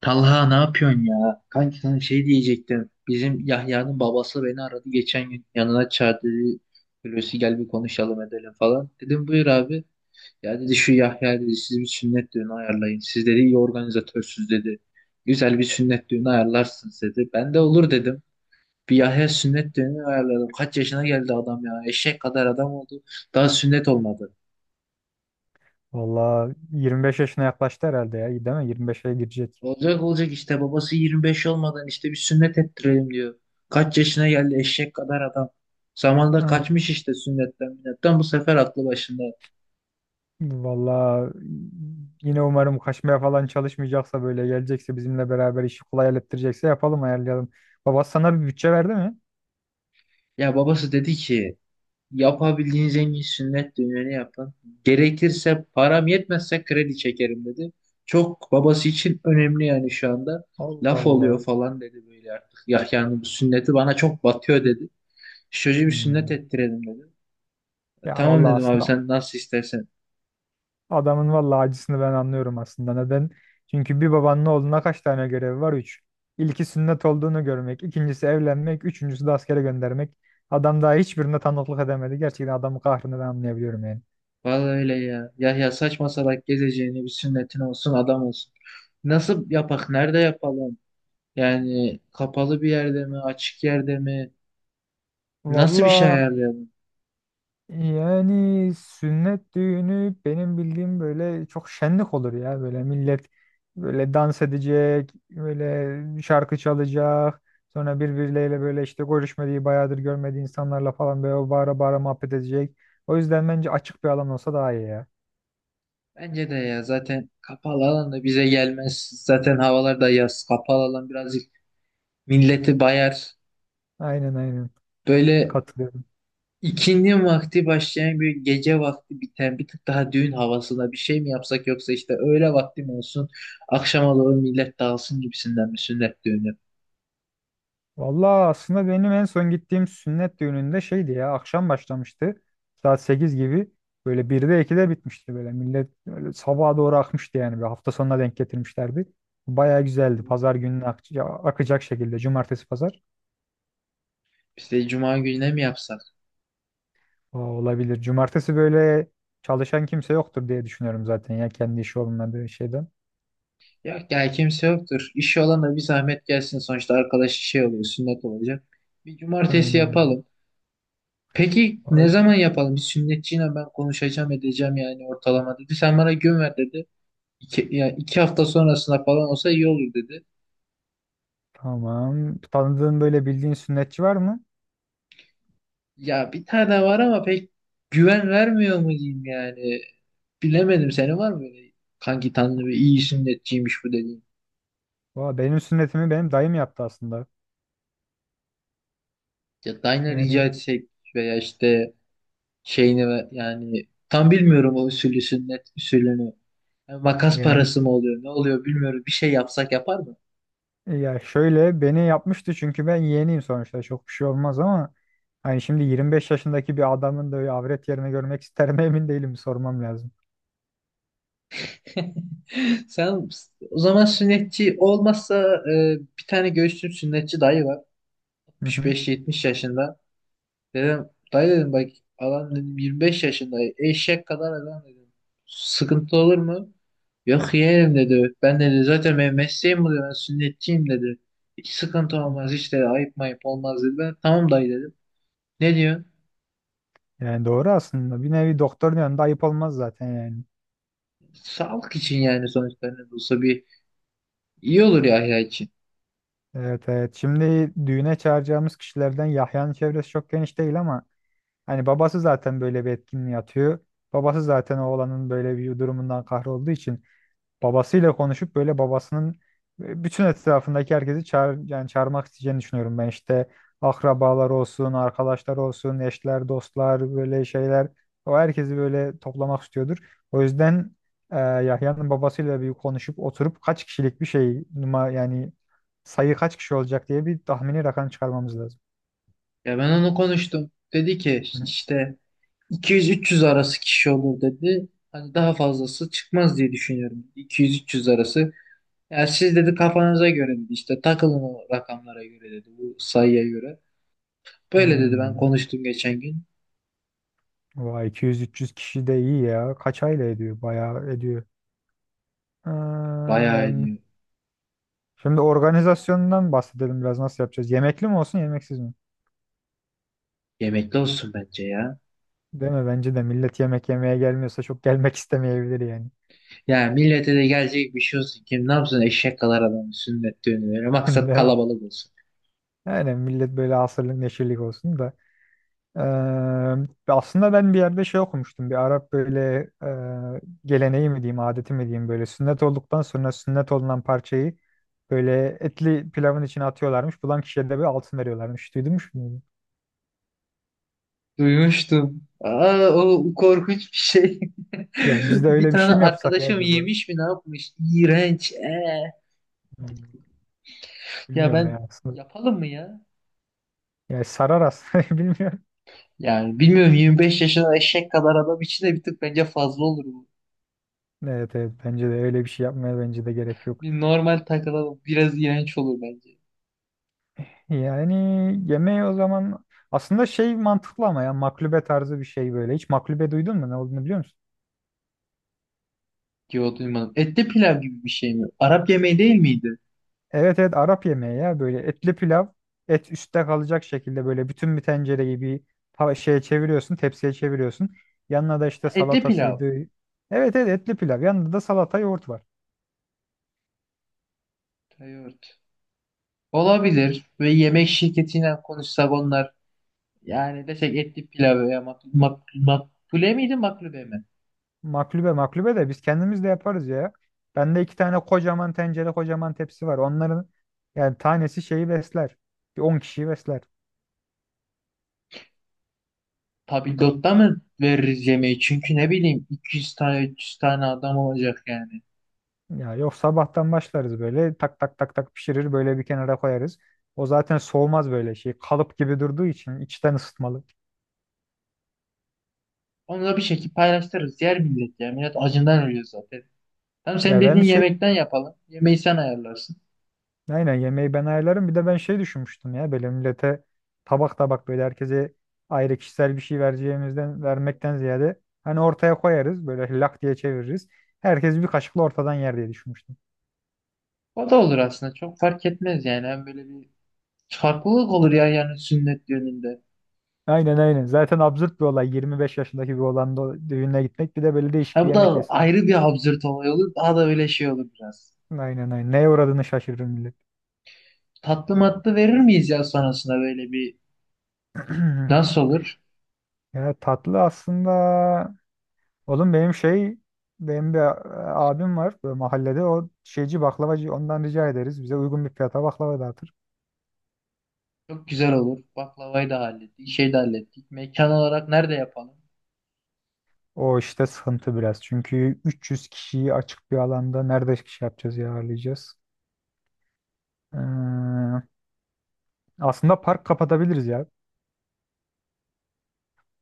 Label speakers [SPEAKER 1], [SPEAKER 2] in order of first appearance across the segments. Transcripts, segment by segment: [SPEAKER 1] Talha ne yapıyorsun ya? Kanki sana şey diyecektim. Bizim Yahya'nın babası beni aradı geçen gün. Yanına çağırdı. Dedi, Hulusi gel bir konuşalım edelim falan. Dedim buyur abi. Ya dedi şu Yahya dedi siz bir sünnet düğünü ayarlayın. Siz dedi iyi organizatörsüz dedi. Güzel bir sünnet düğünü ayarlarsınız dedi. Ben de olur dedim. Bir Yahya sünnet düğünü ayarladım. Kaç yaşına geldi adam ya. Eşek kadar adam oldu. Daha sünnet olmadı.
[SPEAKER 2] Valla 25 yaşına yaklaştı herhalde ya. Değil mi? 25'e girecek.
[SPEAKER 1] Olacak olacak işte babası 25 olmadan işte bir sünnet ettirelim diyor. Kaç yaşına geldi eşek kadar adam. Zamanında
[SPEAKER 2] Hı.
[SPEAKER 1] kaçmış işte sünnetten minnetten bu sefer aklı başında.
[SPEAKER 2] Valla yine umarım kaçmaya falan çalışmayacaksa böyle gelecekse bizimle beraber işi kolay hallettirecekse yapalım ayarlayalım. Baba sana bir bütçe verdi mi?
[SPEAKER 1] Ya babası dedi ki yapabildiğiniz en iyi sünnet düğünü yapın. Gerekirse param yetmezse kredi çekerim dedi. Çok babası için önemli yani şu anda.
[SPEAKER 2] Allah
[SPEAKER 1] Laf oluyor
[SPEAKER 2] Allah.
[SPEAKER 1] falan dedi böyle artık. Ya yani bu sünneti bana çok batıyor dedi. Çocuğu bir sünnet
[SPEAKER 2] Hmm.
[SPEAKER 1] ettirelim dedi.
[SPEAKER 2] Ya
[SPEAKER 1] Tamam
[SPEAKER 2] valla
[SPEAKER 1] dedim abi
[SPEAKER 2] aslında
[SPEAKER 1] sen nasıl istersen.
[SPEAKER 2] adamın valla acısını ben anlıyorum aslında. Neden? Çünkü bir babanın oğluna kaç tane görevi var? Üç. İlki sünnet olduğunu görmek, ikincisi evlenmek, üçüncüsü de askere göndermek. Adam daha hiçbirine tanıklık edemedi. Gerçekten adamın kahrını ben anlayabiliyorum yani.
[SPEAKER 1] Vallahi öyle ya. Yahya saçma salak gezeceğini bir sünnetin olsun adam olsun. Nasıl yapak? Nerede yapalım? Yani kapalı bir yerde mi? Açık yerde mi? Nasıl bir şey
[SPEAKER 2] Valla
[SPEAKER 1] ayarlayalım?
[SPEAKER 2] yani sünnet düğünü benim bildiğim böyle çok şenlik olur ya. Böyle millet böyle dans edecek, böyle şarkı çalacak. Sonra birbirleriyle böyle işte görüşmediği, bayağıdır görmediği insanlarla falan böyle bağıra bağıra muhabbet edecek. O yüzden bence açık bir alan olsa daha iyi ya.
[SPEAKER 1] Bence de ya zaten kapalı alan da bize gelmez. Zaten havalar da yaz. Kapalı alan birazcık milleti bayar.
[SPEAKER 2] Aynen aynen.
[SPEAKER 1] Böyle
[SPEAKER 2] Katılıyorum.
[SPEAKER 1] ikindi vakti başlayan bir gece vakti biten bir tık daha düğün havasında bir şey mi yapsak yoksa işte öğle vakti mi olsun? Akşama doğru millet dağılsın gibisinden bir sünnet düğünü.
[SPEAKER 2] Vallahi aslında benim en son gittiğim sünnet düğününde şeydi ya, akşam başlamıştı. Saat 8 gibi böyle 1'de 2'de bitmişti böyle. Millet böyle sabaha doğru akmıştı yani. Bir hafta sonuna denk getirmişlerdi. Baya güzeldi. Pazar gününe ak- ya- akacak şekilde. Cumartesi pazar.
[SPEAKER 1] İşte cuma gününe mi yapsak?
[SPEAKER 2] Aa, olabilir. Cumartesi böyle çalışan kimse yoktur diye düşünüyorum zaten ya, kendi işi olmadığı şeyden.
[SPEAKER 1] Yok ya kimse yoktur. İşi olan da bir zahmet gelsin. Sonuçta arkadaş şey oluyor, sünnet olacak. Bir cumartesi
[SPEAKER 2] Aynen öyle.
[SPEAKER 1] yapalım. Peki ne
[SPEAKER 2] Ay,
[SPEAKER 1] zaman yapalım? Bir sünnetçiyle ben konuşacağım edeceğim yani ortalama dedi. Sen bana gün ver dedi. İki hafta sonrasına falan olsa iyi olur dedi.
[SPEAKER 2] tamam. Tanıdığın böyle bildiğin sünnetçi var mı?
[SPEAKER 1] Ya bir tane var ama pek güven vermiyor mu diyeyim yani. Bilemedim senin var mı böyle kanki tanrı bir iyi sünnetçiymiş bu dediğin.
[SPEAKER 2] Valla benim sünnetimi benim dayım yaptı aslında.
[SPEAKER 1] Ya Dayna rica
[SPEAKER 2] Yani
[SPEAKER 1] etsek veya işte şeyini yani tam bilmiyorum o usulü sünnet usulünü. Yani makas
[SPEAKER 2] yani
[SPEAKER 1] parası mı oluyor ne oluyor bilmiyorum. Bir şey yapsak yapar mı?
[SPEAKER 2] ya şöyle beni yapmıştı çünkü ben yeğeniyim sonuçta çok bir şey olmaz ama hani şimdi 25 yaşındaki bir adamın da öyle avret yerini görmek ister mi emin değilim, sormam lazım.
[SPEAKER 1] Sen o zaman sünnetçi olmazsa bir tane göğsüm sünnetçi dayı var.
[SPEAKER 2] Hı hı.
[SPEAKER 1] 65-70 yaşında. Dedim dayı dedim bak adam dedim 25 yaşında eşek kadar adam dedim. Sıkıntı olur mu? Yok yeğenim dedi. Ben dedi zaten benim mesleğim bu dedi. Ben sünnetçiyim dedi. Hiç sıkıntı
[SPEAKER 2] Hı.
[SPEAKER 1] olmaz hiç dedi. Ayıp mayıp olmaz dedi. Ben tamam dayı dedim. Ne diyor?
[SPEAKER 2] Yani doğru aslında, bir nevi doktorun yanında ayıp olmaz zaten yani.
[SPEAKER 1] Sağlık için yani sonuçta ne de olsa bir iyi olur Yahya için.
[SPEAKER 2] Evet evet, şimdi düğüne çağıracağımız kişilerden Yahya'nın çevresi çok geniş değil ama hani babası zaten böyle bir etkinliğe atıyor. Babası zaten oğlanın böyle bir durumundan kahrolduğu için babasıyla konuşup böyle babasının bütün etrafındaki herkesi çağır, yani çağırmak isteyeceğini düşünüyorum ben, işte akrabalar olsun, arkadaşlar olsun, eşler, dostlar, böyle şeyler, o herkesi böyle toplamak istiyordur. O yüzden Yahya'nın babasıyla bir konuşup oturup kaç kişilik bir şey numa yani sayı kaç kişi olacak diye bir tahmini rakam çıkarmamız lazım.
[SPEAKER 1] Ya ben onu konuştum. Dedi ki
[SPEAKER 2] Hı.
[SPEAKER 1] işte 200-300 arası kişi olur dedi. Hani daha fazlası çıkmaz diye düşünüyorum. 200-300 arası. Ya siz dedi kafanıza göre dedi işte takılın o rakamlara göre dedi bu sayıya göre. Böyle dedi ben
[SPEAKER 2] Hmm.
[SPEAKER 1] konuştum geçen gün.
[SPEAKER 2] Vay 200-300 kişi de iyi ya. Kaç aile ediyor? Bayağı ediyor.
[SPEAKER 1] Bayağı ediyor.
[SPEAKER 2] Şimdi organizasyondan bahsedelim biraz, nasıl yapacağız? Yemekli mi olsun yemeksiz mi?
[SPEAKER 1] Yemekli olsun bence ya.
[SPEAKER 2] Değil mi? Bence de millet yemek yemeye gelmiyorsa çok gelmek istemeyebilir yani.
[SPEAKER 1] Ya millete de gelecek bir şey olsun. Kim ne yapsın eşek kadar adamın sünnet düğünü. Böyle
[SPEAKER 2] Değil
[SPEAKER 1] Maksat
[SPEAKER 2] mi?
[SPEAKER 1] kalabalık olsun.
[SPEAKER 2] Yani millet böyle asırlık neşirlik olsun da. Ee, aslında ben bir yerde şey okumuştum. Bir Arap böyle geleneği mi diyeyim, adeti mi diyeyim, böyle sünnet olduktan sonra sünnet olunan parçayı böyle etli pilavın içine atıyorlarmış. Bulan kişiye de bir altın veriyorlarmış. Duydun mu bunu?
[SPEAKER 1] Duymuştum. Aa, o korkunç bir şey.
[SPEAKER 2] Ya biz de
[SPEAKER 1] Bir
[SPEAKER 2] öyle bir
[SPEAKER 1] tane
[SPEAKER 2] şey mi yapsak ya
[SPEAKER 1] arkadaşım
[SPEAKER 2] acaba?
[SPEAKER 1] yemiş mi ne yapmış? İğrenç.
[SPEAKER 2] Hmm,
[SPEAKER 1] Ya
[SPEAKER 2] bilmiyorum
[SPEAKER 1] ben
[SPEAKER 2] ya aslında.
[SPEAKER 1] yapalım mı ya?
[SPEAKER 2] Yani sarar aslında, bilmiyorum.
[SPEAKER 1] Yani bilmiyorum 25 yaşında eşek kadar adam için de bir tık bence fazla olur bu.
[SPEAKER 2] Evet evet, bence de öyle bir şey yapmaya bence de gerek yok.
[SPEAKER 1] Bir normal takılalım. Biraz iğrenç olur bence.
[SPEAKER 2] Yani yemeği o zaman aslında şey mantıklı ama ya, maklube tarzı bir şey böyle. Hiç maklube duydun mu, ne olduğunu biliyor musun?
[SPEAKER 1] Yo duymadım. Etli pilav gibi bir şey mi? Arap yemeği değil miydi?
[SPEAKER 2] Evet evet, Arap yemeği ya, böyle etli pilav, et üstte kalacak şekilde böyle bütün bir tencereyi bir tava- şeye çeviriyorsun, tepsiye çeviriyorsun. Yanına da
[SPEAKER 1] Ha,
[SPEAKER 2] işte
[SPEAKER 1] Etli pilav.
[SPEAKER 2] salatasıydı. Evet evet, etli pilav, yanında da salata yoğurt var.
[SPEAKER 1] Yoğurt. Olabilir. Ve yemek şirketiyle konuşsak onlar. Yani desek etli pilav veya makbule miydi maklube mi?
[SPEAKER 2] Maklube, maklube de biz kendimiz de yaparız ya. Bende iki tane kocaman tencere, kocaman tepsi var. Onların yani tanesi şeyi besler. Bir 10 kişiyi besler.
[SPEAKER 1] Tabii lotta mı veririz yemeği? Çünkü ne bileyim 200 tane 300 tane adam olacak yani.
[SPEAKER 2] Ya yok, sabahtan başlarız böyle tak tak tak tak pişirir böyle bir kenara koyarız. O zaten soğumaz, böyle şey kalıp gibi durduğu için içten ısıtmalı.
[SPEAKER 1] Onu da bir şekilde paylaştırırız. Yer millet ya. Millet acından ölüyor zaten. Tamam sen
[SPEAKER 2] Ya ben
[SPEAKER 1] dediğin
[SPEAKER 2] şey,
[SPEAKER 1] yemekten yapalım. Yemeği sen ayarlarsın.
[SPEAKER 2] aynen yemeği ben ayarlarım. Bir de ben şey düşünmüştüm ya, böyle millete tabak tabak böyle herkese ayrı kişisel bir şey vereceğimizden vermekten ziyade hani ortaya koyarız böyle lak diye çeviririz. Herkes bir kaşıkla ortadan yer diye düşünmüştüm.
[SPEAKER 1] O da olur aslında. Çok fark etmez yani. Hem böyle bir farklılık olur ya yani sünnet düğününde.
[SPEAKER 2] Aynen aynen. Zaten absürt bir olay. Yirmi beş yaşındaki bir olan da düğüne gitmek, bir de böyle değişik
[SPEAKER 1] Ha
[SPEAKER 2] bir
[SPEAKER 1] bu
[SPEAKER 2] yemek
[SPEAKER 1] da
[SPEAKER 2] yesin.
[SPEAKER 1] ayrı bir absürt olay olur. Daha da böyle şey olur biraz.
[SPEAKER 2] Aynen aynen. Neye uğradığını şaşırır millet.
[SPEAKER 1] Tatlı matlı verir miyiz ya sonrasında böyle bir nasıl olur?
[SPEAKER 2] Ya tatlı aslında, oğlum benim şey, benim bir a- abim var böyle mahallede, o şeyci baklavacı, ondan rica ederiz. Bize uygun bir fiyata baklava dağıtır.
[SPEAKER 1] Çok güzel olur. Baklavayı da hallettik, şey de hallettik. Mekan olarak nerede yapalım?
[SPEAKER 2] O işte sıkıntı biraz. Çünkü 300 kişiyi açık bir alanda nerede şey yapacağız ya, ağırlayacağız. Ee, aslında park kapatabiliriz ya.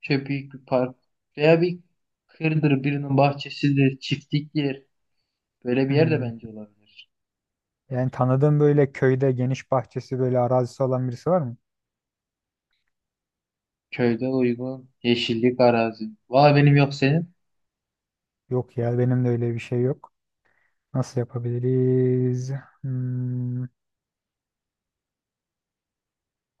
[SPEAKER 1] Şöyle büyük bir park veya bir kırdır birinin bahçesidir, çiftliktir. Böyle bir yer de
[SPEAKER 2] Hmm.
[SPEAKER 1] bence olabilir.
[SPEAKER 2] Yani tanıdığım böyle köyde geniş bahçesi, böyle arazisi olan birisi var mı?
[SPEAKER 1] Köyde uygun yeşillik arazi. Vay benim yok senin.
[SPEAKER 2] Yok ya, benim de öyle bir şey yok. Nasıl yapabiliriz? Hmm.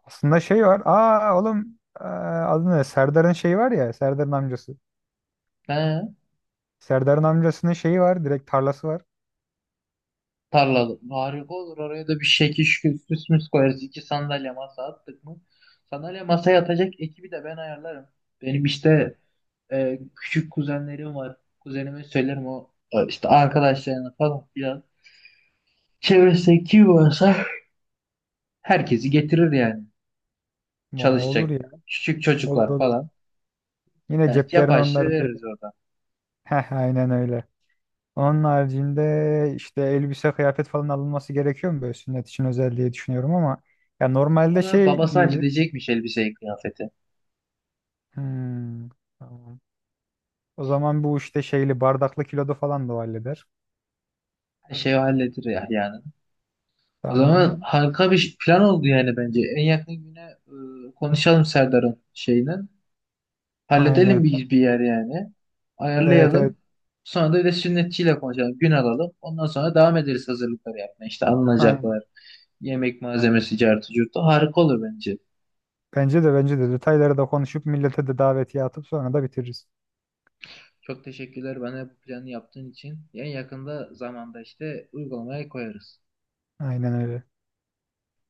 [SPEAKER 2] Aslında şey var. Aa oğlum adı ne? Serdar'ın şeyi var ya. Serdar'ın amcası.
[SPEAKER 1] He,
[SPEAKER 2] Serdar'ın amcasının şeyi var. Direkt tarlası var.
[SPEAKER 1] tarlada. Harika olur. Oraya da bir şekil şükür süs müs koyarız. İki sandalye masa attık mı? Sandalye masaya yatacak ekibi de ben ayarlarım. Benim işte küçük kuzenlerim var. Kuzenime söylerim o işte arkadaşlarına falan filan. Çevresindeki varsa herkesi getirir yani.
[SPEAKER 2] Muha olur
[SPEAKER 1] Çalışacak
[SPEAKER 2] ya.
[SPEAKER 1] küçük
[SPEAKER 2] Olur
[SPEAKER 1] çocuklar
[SPEAKER 2] olur.
[SPEAKER 1] falan.
[SPEAKER 2] Yine
[SPEAKER 1] Yani
[SPEAKER 2] ceplerini
[SPEAKER 1] yapay şey
[SPEAKER 2] onların böyle.
[SPEAKER 1] veririz orada.
[SPEAKER 2] Heh aynen öyle. Onun haricinde işte elbise kıyafet falan alınması gerekiyor mu böyle sünnet için özel diye düşünüyorum ama ya normalde
[SPEAKER 1] Ona
[SPEAKER 2] şey
[SPEAKER 1] babası
[SPEAKER 2] giyilir.
[SPEAKER 1] halledecekmiş elbiseyi, kıyafeti.
[SPEAKER 2] Hmm, tamam. O zaman bu işte şeyli bardaklı kilodu falan da o halleder.
[SPEAKER 1] Her şeyi halledir ya yani. O zaman
[SPEAKER 2] Tamam.
[SPEAKER 1] harika bir plan oldu yani bence. En yakın güne konuşalım Serdar'ın şeyini. Halledelim
[SPEAKER 2] Aynen.
[SPEAKER 1] bir yer yani.
[SPEAKER 2] Evet evet.
[SPEAKER 1] Ayarlayalım. Sonra da bir de sünnetçiyle konuşalım. Gün alalım. Ondan sonra devam ederiz hazırlıkları yapmaya. İşte
[SPEAKER 2] Aynen.
[SPEAKER 1] alınacaklar. Yemek malzemesi, cartı, curtu. Harika olur bence.
[SPEAKER 2] Bence de bence de detayları da konuşup millete de davetiye atıp sonra da bitiririz.
[SPEAKER 1] Çok teşekkürler bana bu planı yaptığın için. En yakında zamanda işte uygulamaya koyarız.
[SPEAKER 2] Aynen öyle.